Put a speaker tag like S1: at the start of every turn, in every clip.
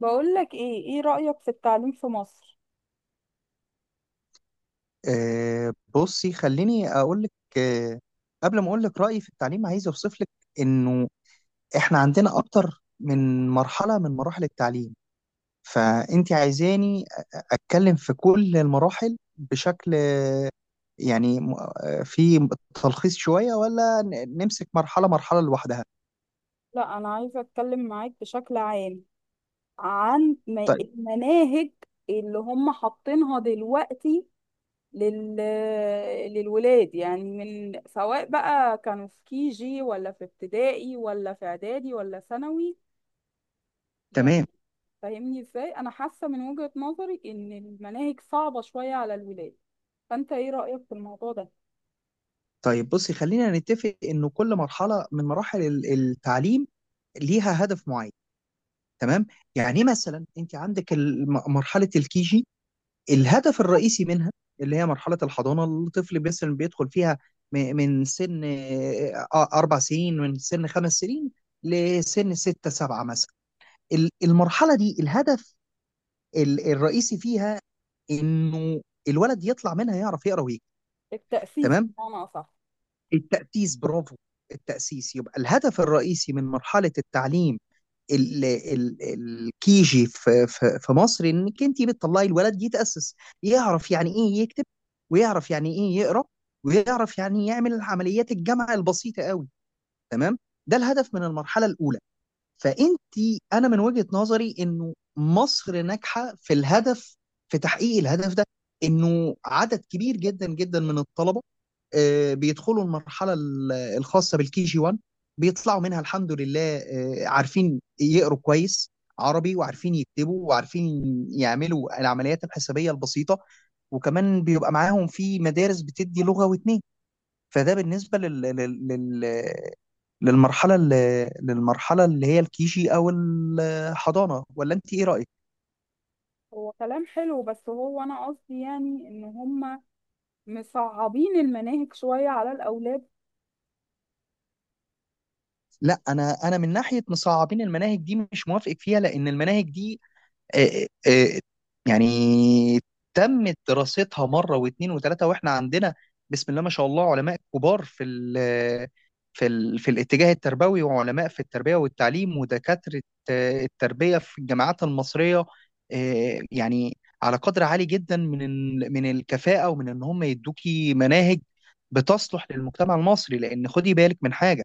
S1: بقول لك ايه، ايه رأيك في التعليم في مصر؟
S2: بصي، خليني اقول لك. آه، قبل ما اقول لك رايي في التعليم، عايز اوصف لك انه احنا عندنا اكتر من مرحله من مراحل التعليم. فانت عايزاني اتكلم في كل المراحل بشكل، يعني في تلخيص شويه، ولا نمسك مرحله مرحله لوحدها؟
S1: لا، انا عايزة اتكلم معاك بشكل عام عن
S2: طيب.
S1: المناهج اللي هم حاطينها دلوقتي لل... للولاد، يعني من سواء بقى كانوا في كي جي ولا في ابتدائي ولا في اعدادي ولا ثانوي.
S2: تمام.
S1: يعني فاهمني ازاي، انا حاسة من وجهة نظري ان المناهج صعبة شوية على الولاد. فانت ايه رأيك في الموضوع ده؟
S2: طيب، بصي، خلينا نتفق انه كل مرحله من مراحل التعليم ليها هدف معين، تمام. يعني مثلا انت عندك مرحله الكيجي، الهدف الرئيسي منها، اللي هي مرحلة الحضانة، الطفل مثلا بيدخل فيها من سن أربع سنين، من سن خمس سنين، لسن ستة سبعة مثلا. المرحلة دي الهدف الرئيسي فيها إنه الولد يطلع منها يعرف يقرأ ويكتب.
S1: التأسيس
S2: تمام،
S1: بمعنى اصح.
S2: التأسيس، برافو. التأسيس يبقى الهدف الرئيسي من مرحلة التعليم الكيجي في مصر، انك انت بتطلعي الولد يتاسس، يعرف يعني ايه يكتب، ويعرف يعني ايه يقرا، ويعرف يعني يعمل عمليات الجمع البسيطه قوي. تمام، ده الهدف من المرحله الاولى. فانت، انا من وجهة نظري انه مصر ناجحه في الهدف، في تحقيق الهدف ده، انه عدد كبير جدا جدا من الطلبه بيدخلوا المرحله الخاصه بالكي جي 1، بيطلعوا منها الحمد لله عارفين يقروا كويس عربي، وعارفين يكتبوا، وعارفين يعملوا العمليات الحسابيه البسيطه. وكمان بيبقى معاهم في مدارس بتدي لغه واتنين. فده بالنسبه للمرحلة اللي هي الكيجي أو الحضانة. ولا أنت إيه رأيك؟
S1: هو كلام حلو، بس هو انا قصدي يعني ان هم مصعبين المناهج شوية على الاولاد.
S2: لا، أنا من ناحية مصعبين المناهج دي مش موافق فيها، لأن المناهج دي آه، آه، يعني تمت دراستها مره واثنين وثلاثه. واحنا عندنا بسم الله ما شاء الله علماء كبار في الاتجاه التربوي، وعلماء في التربيه والتعليم، ودكاتره التربيه في الجامعات المصريه. يعني على قدر عالي جدا من من الكفاءه، ومن ان هم يدوكي مناهج بتصلح للمجتمع المصري. لان خدي بالك من حاجه،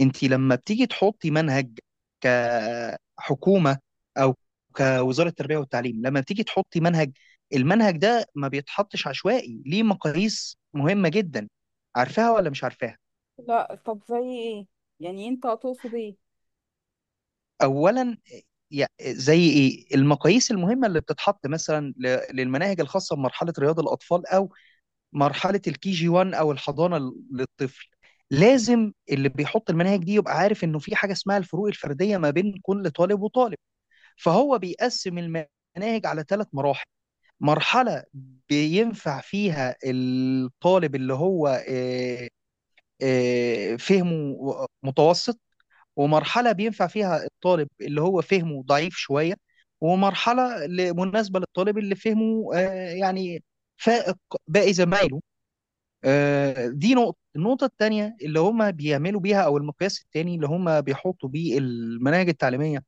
S2: انت لما بتيجي تحطي منهج كحكومه او كوزاره التربيه والتعليم، لما بتيجي تحطي منهج، المنهج ده ما بيتحطش عشوائي، ليه مقاييس مهمه جدا. عارفاها ولا مش عارفاها؟
S1: لا، طب زي ايه يعني، انت هتقصد ايه؟
S2: اولا، زي ايه المقاييس المهمه اللي بتتحط مثلا للمناهج الخاصه بمرحله رياض الاطفال، او مرحله الكي جي 1، او الحضانه للطفل. لازم اللي بيحط المناهج دي يبقى عارف انه في حاجه اسمها الفروق الفرديه ما بين كل طالب وطالب. فهو بيقسم المناهج على ثلاث مراحل: مرحلة بينفع فيها الطالب اللي هو فهمه متوسط، ومرحلة بينفع فيها الطالب اللي هو فهمه ضعيف شوية، ومرحلة مناسبة للطالب اللي فهمه يعني فائق باقي زمايله. دي نقطة. النقطة التانية اللي هم بيعملوا بيها، أو المقياس التاني اللي هم بيحطوا بيه المناهج التعليمية،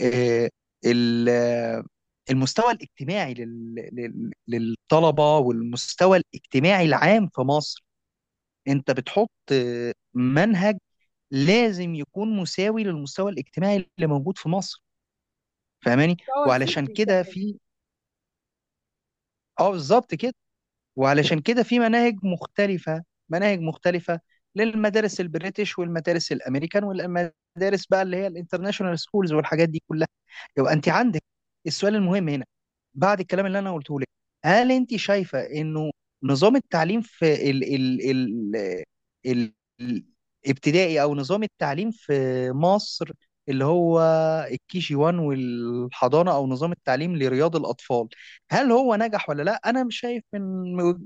S2: آه، ال- آه، المستوى الاجتماعي للطلبة، والمستوى الاجتماعي العام في مصر. انت بتحط منهج، لازم يكون مساوي للمستوى الاجتماعي اللي موجود في مصر. فاهماني؟
S1: هو
S2: وعلشان
S1: الفكري
S2: كده
S1: كمان.
S2: في، اه بالظبط كده. وعلشان كده في مناهج مختلفة، مناهج مختلفة، للمدارس البريتش، والمدارس الامريكان، والمدارس بقى اللي هي الانترناشونال سكولز، والحاجات دي كلها. يبقى انت عندك السؤال المهم هنا بعد الكلام اللي انا قلته لك: هل انت شايفه انه نظام التعليم في ال ال ال ال الابتدائي، او نظام التعليم في مصر اللي هو الكي جي 1 والحضانه، او نظام التعليم لرياض الاطفال، هل هو نجح ولا لا؟ انا مش شايف، من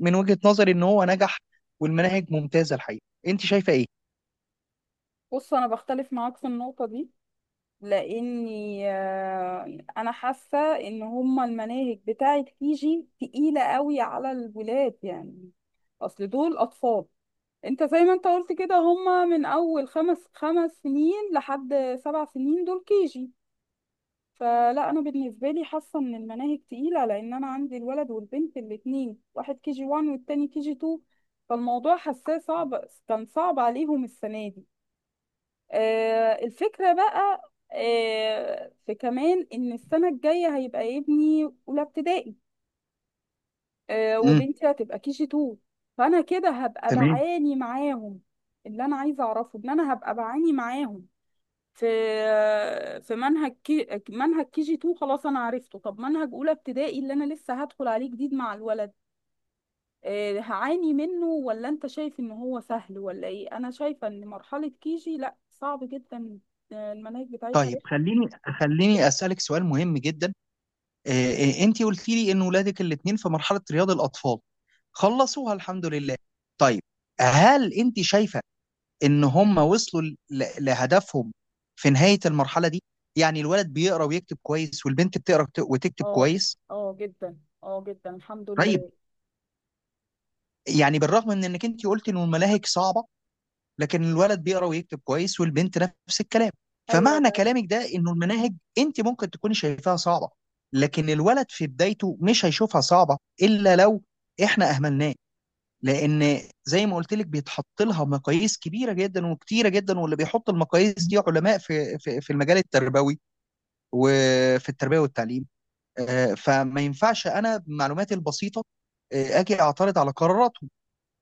S2: من وجهة نظري ان هو نجح والمناهج ممتازه الحقيقه. انت شايفه ايه؟
S1: بص، انا بختلف معاك في النقطة دي، لاني انا حاسة ان هم المناهج بتاعة جي تقيلة قوي على الولاد. يعني اصل دول اطفال، انت زي ما انت قلت كده، هم من اول خمس سنين لحد 7 سنين، دول كيجي. فلا، انا بالنسبه لي حاسه ان المناهج تقيله، لان انا عندي الولد والبنت الاثنين، واحد كي جي 1 والتاني كي جي 2. فالموضوع حاساه صعب، كان صعب عليهم السنه دي. آه، الفكره بقى، في كمان ان السنه الجايه هيبقى ابني اولى ابتدائي،
S2: امم.
S1: وبنتي هتبقى كي جي 2. فانا كده هبقى
S2: تمام.
S1: بعاني معاهم. اللي انا عايزه اعرفه، ان انا هبقى بعاني معاهم في في منهج كي جي 2. خلاص انا عرفته. طب منهج اولى ابتدائي اللي انا لسه هدخل عليه جديد مع الولد، هعاني منه ولا انت شايف ان هو سهل ولا ايه؟ انا شايفه ان مرحله كي جي لا، صعب جدا. المناهج بتاعتها
S2: طيب،
S1: رخمه.
S2: خليني اسالك سؤال مهم جدا. انت قلتي لي ان ولادك الاثنين في مرحله رياض الاطفال خلصوها الحمد لله. طيب، هل انت شايفه ان هم وصلوا لهدفهم في نهايه المرحله دي؟ يعني الولد بيقرا ويكتب كويس، والبنت بتقرا وتكتب
S1: اه،
S2: كويس؟
S1: اه جدا، اه جدا، الحمد
S2: طيب،
S1: لله.
S2: يعني بالرغم من انك انت قلت ان الملاهج صعبه، لكن الولد بيقرا ويكتب كويس، والبنت نفس الكلام.
S1: ايوه
S2: فمعنى
S1: بس.
S2: كلامك ده انه المناهج، انت ممكن تكوني شايفاها صعبه، لكن الولد في بدايته مش هيشوفها صعبه الا لو احنا اهملناه. لان زي ما قلت لك بيتحط لها مقاييس كبيره جدا وكتيره جدا، واللي بيحط المقاييس دي علماء في المجال التربوي وفي التربيه والتعليم. فما ينفعش انا بمعلوماتي البسيطه اجي اعترض على قرارات.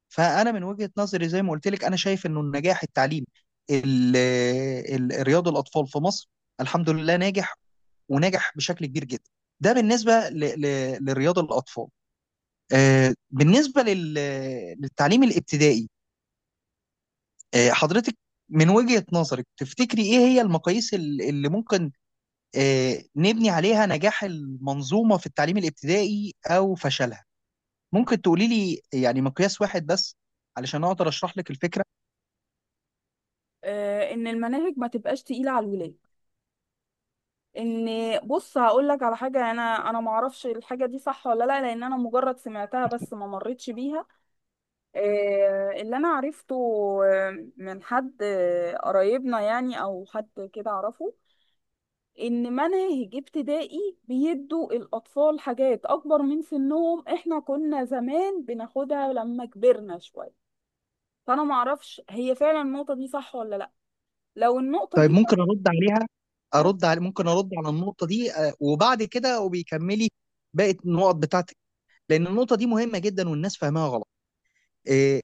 S2: فانا من وجهة نظري زي ما قلت لك انا شايف انه النجاح التعليم ال- رياض الاطفال في مصر الحمد لله ناجح، وناجح بشكل كبير جدا. ده بالنسبة لرياض الاطفال. بالنسبة للتعليم الابتدائي، حضرتك من وجهة نظرك تفتكري ايه هي المقاييس اللي ممكن نبني عليها نجاح المنظومة في التعليم الابتدائي او فشلها؟ ممكن تقولي لي يعني مقياس واحد بس، علشان اقدر اشرح لك الفكرة.
S1: ان المناهج ما تبقاش تقيله على الولاد، ان بص هقول لك على حاجه. انا ما اعرفش الحاجه دي صح ولا لا، لان انا مجرد سمعتها بس ما مرتش بيها. اللي انا عرفته من حد قرايبنا يعني، او حد كده اعرفه، ان مناهج ابتدائي بيدوا الاطفال حاجات اكبر من سنهم. احنا كنا زمان بناخدها لما كبرنا شويه. فانا ما اعرفش هي فعلا النقطه دي صح ولا لا. لو النقطه
S2: طيب،
S1: دي صح،
S2: ممكن ارد عليها،
S1: أه،
S2: ارد على ممكن ارد على النقطه دي، وبعد كده وبيكملي باقي النقط بتاعتك؟ لان النقطه دي مهمه جدا والناس فاهمها غلط. آه،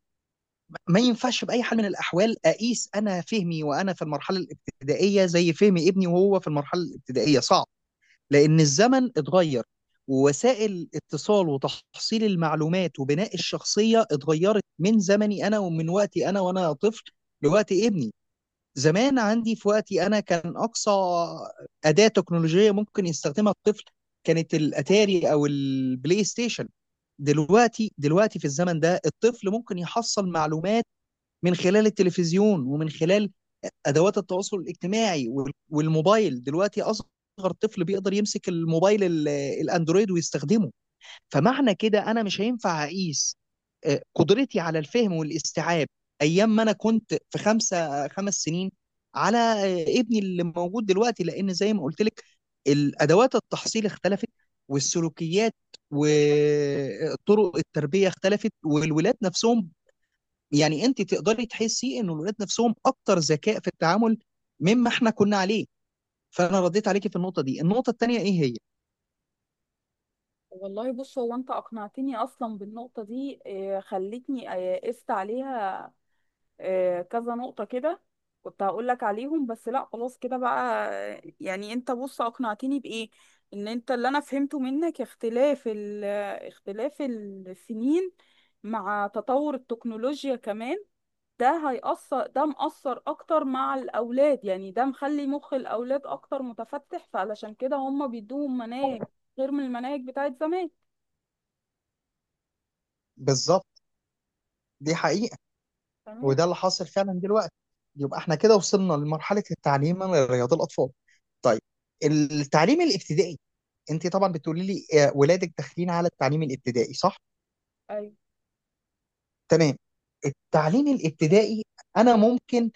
S2: ما ينفعش باي حال من الاحوال اقيس انا فهمي وانا في المرحله الابتدائيه زي فهم ابني وهو في المرحله الابتدائيه، صعب. لان الزمن اتغير، ووسائل اتصال وتحصيل المعلومات وبناء الشخصيه اتغيرت من زمني انا، ومن وقتي انا وانا طفل، لوقت ابني. زمان عندي في وقتي انا كان اقصى اداه تكنولوجيه ممكن يستخدمها الطفل كانت الاتاري او البلاي ستيشن. دلوقتي في الزمن ده الطفل ممكن يحصل معلومات من خلال التلفزيون، ومن خلال ادوات التواصل الاجتماعي، والموبايل. دلوقتي اصغر طفل بيقدر يمسك الموبايل الاندرويد ويستخدمه. فمعنى كده انا مش هينفع اقيس قدرتي على الفهم والاستيعاب ايام ما انا كنت في خمس سنين على ابني اللي موجود دلوقتي. لان زي ما قلت لك الادوات التحصيل اختلفت، والسلوكيات وطرق التربيه اختلفت، والولاد نفسهم، يعني انت تقدري تحسي ان الولاد نفسهم اكتر ذكاء في التعامل مما احنا كنا عليه. فانا رديت عليكي في النقطه دي. النقطه الثانيه ايه هي؟
S1: والله بص، هو انت اقنعتني اصلا بالنقطه دي، خلتني قست عليها. كذا نقطة كده كنت هقول لك عليهم، بس لا، خلاص كده بقى. يعني انت بص اقنعتني بإيه؟ ان انت، اللي انا فهمته منك، اختلاف اختلاف السنين مع تطور التكنولوجيا كمان، ده هيأثر، ده مأثر اكتر مع الاولاد. يعني ده مخلي مخ الاولاد اكتر متفتح، فعلشان كده هم بيدوهم مناهج غير من المناهج بتاعت زمان.
S2: بالظبط، دي حقيقة.
S1: تمام.
S2: وده اللي حاصل فعلا دلوقتي. يبقى احنا كده وصلنا لمرحلة التعليم لرياض الأطفال. طيب، التعليم الابتدائي، انت طبعا بتقولي لي ولادك داخلين على التعليم الابتدائي، صح؟
S1: ايوه.
S2: تمام. التعليم الابتدائي، انا ممكن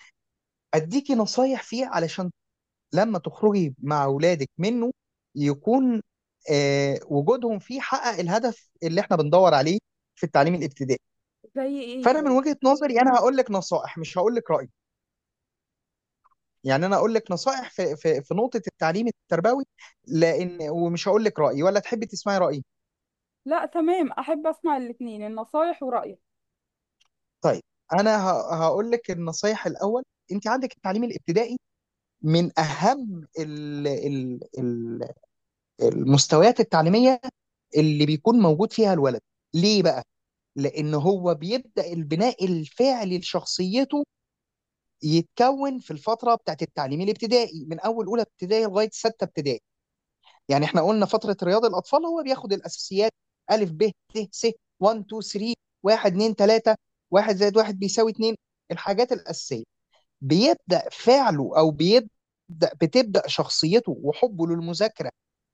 S2: اديكي نصايح فيه، علشان لما تخرجي مع ولادك منه يكون وجودهم فيه حقق الهدف اللي احنا بندور عليه في التعليم الابتدائي.
S1: زي ايه
S2: فانا من
S1: طيب؟
S2: وجهة نظري انا هقول لك نصائح، مش هقول لك رأيي. يعني انا اقول لك نصائح في نقطه التعليم التربوي، لان، ومش هقول لك رايي، ولا تحبي تسمعي رايي؟
S1: لا تمام، احب اسمع الاتنين، النصايح ورأيك.
S2: طيب، انا هقول لك النصائح الاول. انت عندك التعليم الابتدائي من اهم ال ال ال المستويات التعليميه اللي بيكون موجود فيها الولد. ليه بقى؟ لان هو بيبدا البناء الفعلي لشخصيته، يتكون في الفتره بتاعت التعليم الابتدائي من اول اولى ابتدائي لغايه سته ابتدائي. يعني احنا قلنا فتره رياض الاطفال هو بياخد الاساسيات: الف ب ت س، 1 2 3، 1 2 3، 1 زائد 1 بيساوي 2، الحاجات الاساسيه. بيبدا فعله، او بيبدا، بتبدا شخصيته وحبه للمذاكره،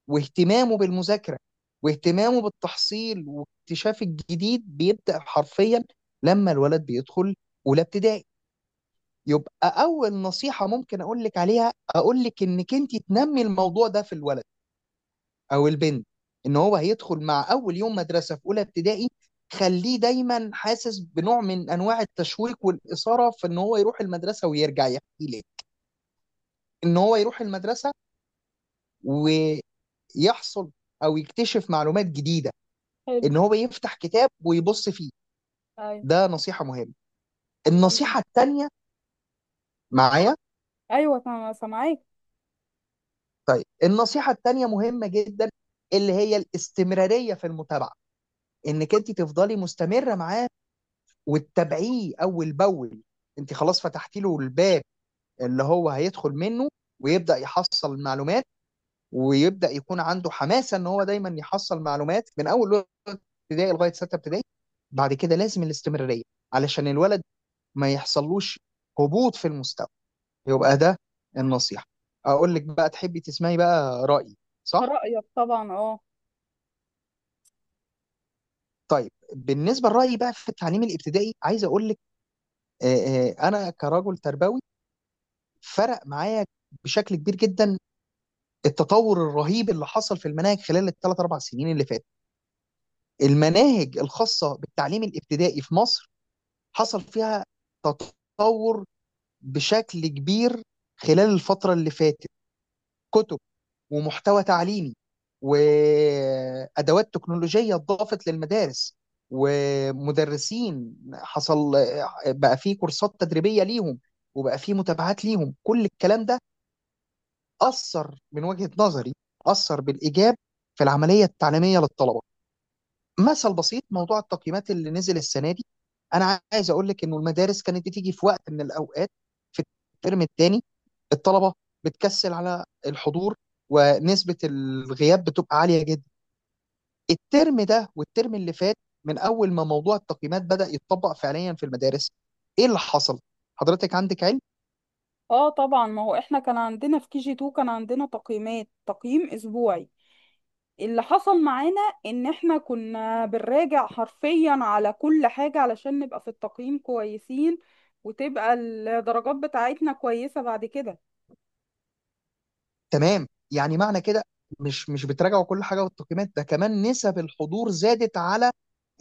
S2: واهتمامه بالمذاكره، واهتمامه بالتحصيل واكتشاف الجديد. بيبدا حرفيا لما الولد بيدخل اولى ابتدائي. يبقى اول نصيحه ممكن اقول لك عليها، اقول لك انك انت تنمي الموضوع ده في الولد او البنت، ان هو هيدخل مع اول يوم مدرسه في اولى ابتدائي، خليه دايما حاسس بنوع من انواع التشويق والاثاره في ان هو يروح المدرسه ويرجع يحكي لي ان هو يروح المدرسه ويحصل او يكتشف معلومات جديده،
S1: حلو.
S2: ان هو يفتح كتاب ويبص فيه.
S1: ايوه
S2: ده نصيحه مهمه.
S1: تمام.
S2: النصيحه التانيه معايا؟
S1: ايوه تمام، سامعاك.
S2: طيب، النصيحه التانيه مهمه جدا، اللي هي الاستمراريه في المتابعه، انك انت تفضلي مستمره معاه وتتابعيه اول باول. انت خلاص فتحتي له الباب اللي هو هيدخل منه، ويبدا يحصل معلومات، ويبدا يكون عنده حماسه ان هو دايما يحصل معلومات من اول ابتدائي لغايه سته ابتدائي. بعد كده لازم الاستمراريه علشان الولد ما يحصلوش هبوط في المستوى. يبقى ده النصيحه. اقول لك بقى، تحبي تسمعي بقى رايي، صح؟
S1: رايك طبعا، اه.
S2: طيب، بالنسبه لرايي بقى في التعليم الابتدائي عايز اقول لك انا كرجل تربوي فرق معايا بشكل كبير جدا التطور الرهيب اللي حصل في المناهج خلال الثلاث اربع سنين اللي فاتت. المناهج الخاصه بالتعليم الابتدائي في مصر حصل فيها تطور بشكل كبير خلال الفتره اللي فاتت. كتب، ومحتوى تعليمي، وادوات تكنولوجيه اتضافت للمدارس. ومدرسين حصل، بقى فيه كورسات تدريبيه ليهم، وبقى فيه متابعات ليهم. كل الكلام ده اثر من وجهه نظري، اثر بالايجاب في العمليه التعليميه للطلبه. مثل بسيط: موضوع التقييمات اللي نزل السنه دي، انا عايز اقول لك انه المدارس كانت بتيجي في وقت من الاوقات في الترم الثاني الطلبه بتكسل على الحضور، ونسبه الغياب بتبقى عاليه جدا. الترم ده والترم اللي فات من اول ما موضوع التقييمات بدا يتطبق فعليا في المدارس، ايه اللي حصل؟ حضرتك عندك علم.
S1: اه طبعا، ما هو احنا كان عندنا في كي جي 2 كان عندنا تقييمات، تقييم اسبوعي. اللي حصل معانا ان احنا كنا بنراجع حرفيا على كل حاجه علشان نبقى في التقييم كويسين، وتبقى الدرجات بتاعتنا كويسه بعد كده.
S2: تمام، يعني معنى كده مش بتراجعوا كل حاجه والتقييمات ده، كمان نسب الحضور زادت على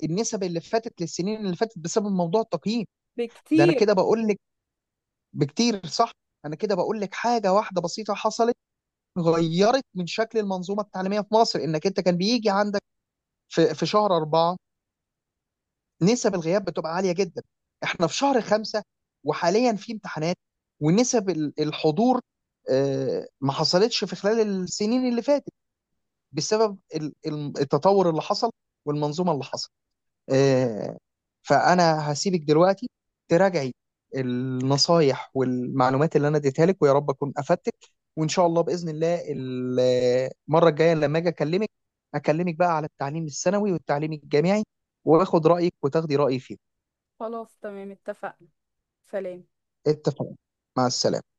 S2: النسب اللي فاتت للسنين اللي فاتت بسبب موضوع التقييم. ده انا
S1: بكتير.
S2: كده بقول لك، بكتير، صح. انا كده بقول لك حاجه واحده بسيطه حصلت غيرت من شكل المنظومه التعليميه في مصر، انك انت كان بيجي عندك في شهر اربعه نسب الغياب بتبقى عاليه جدا. احنا في شهر خمسه وحاليا في امتحانات، ونسب الحضور ما حصلتش في خلال السنين اللي فاتت، بسبب التطور اللي حصل والمنظومه اللي حصل. آه، فانا هسيبك دلوقتي تراجعي النصايح والمعلومات اللي انا اديتها لك، ويا رب اكون افدتك. وان شاء الله باذن الله المره الجايه لما اجي اكلمك بقى على التعليم الثانوي والتعليم الجامعي، واخد رايك وتاخدي رايي فيه.
S1: خلاص تمام، اتفقنا. سلام.
S2: اتفقنا. مع السلامه.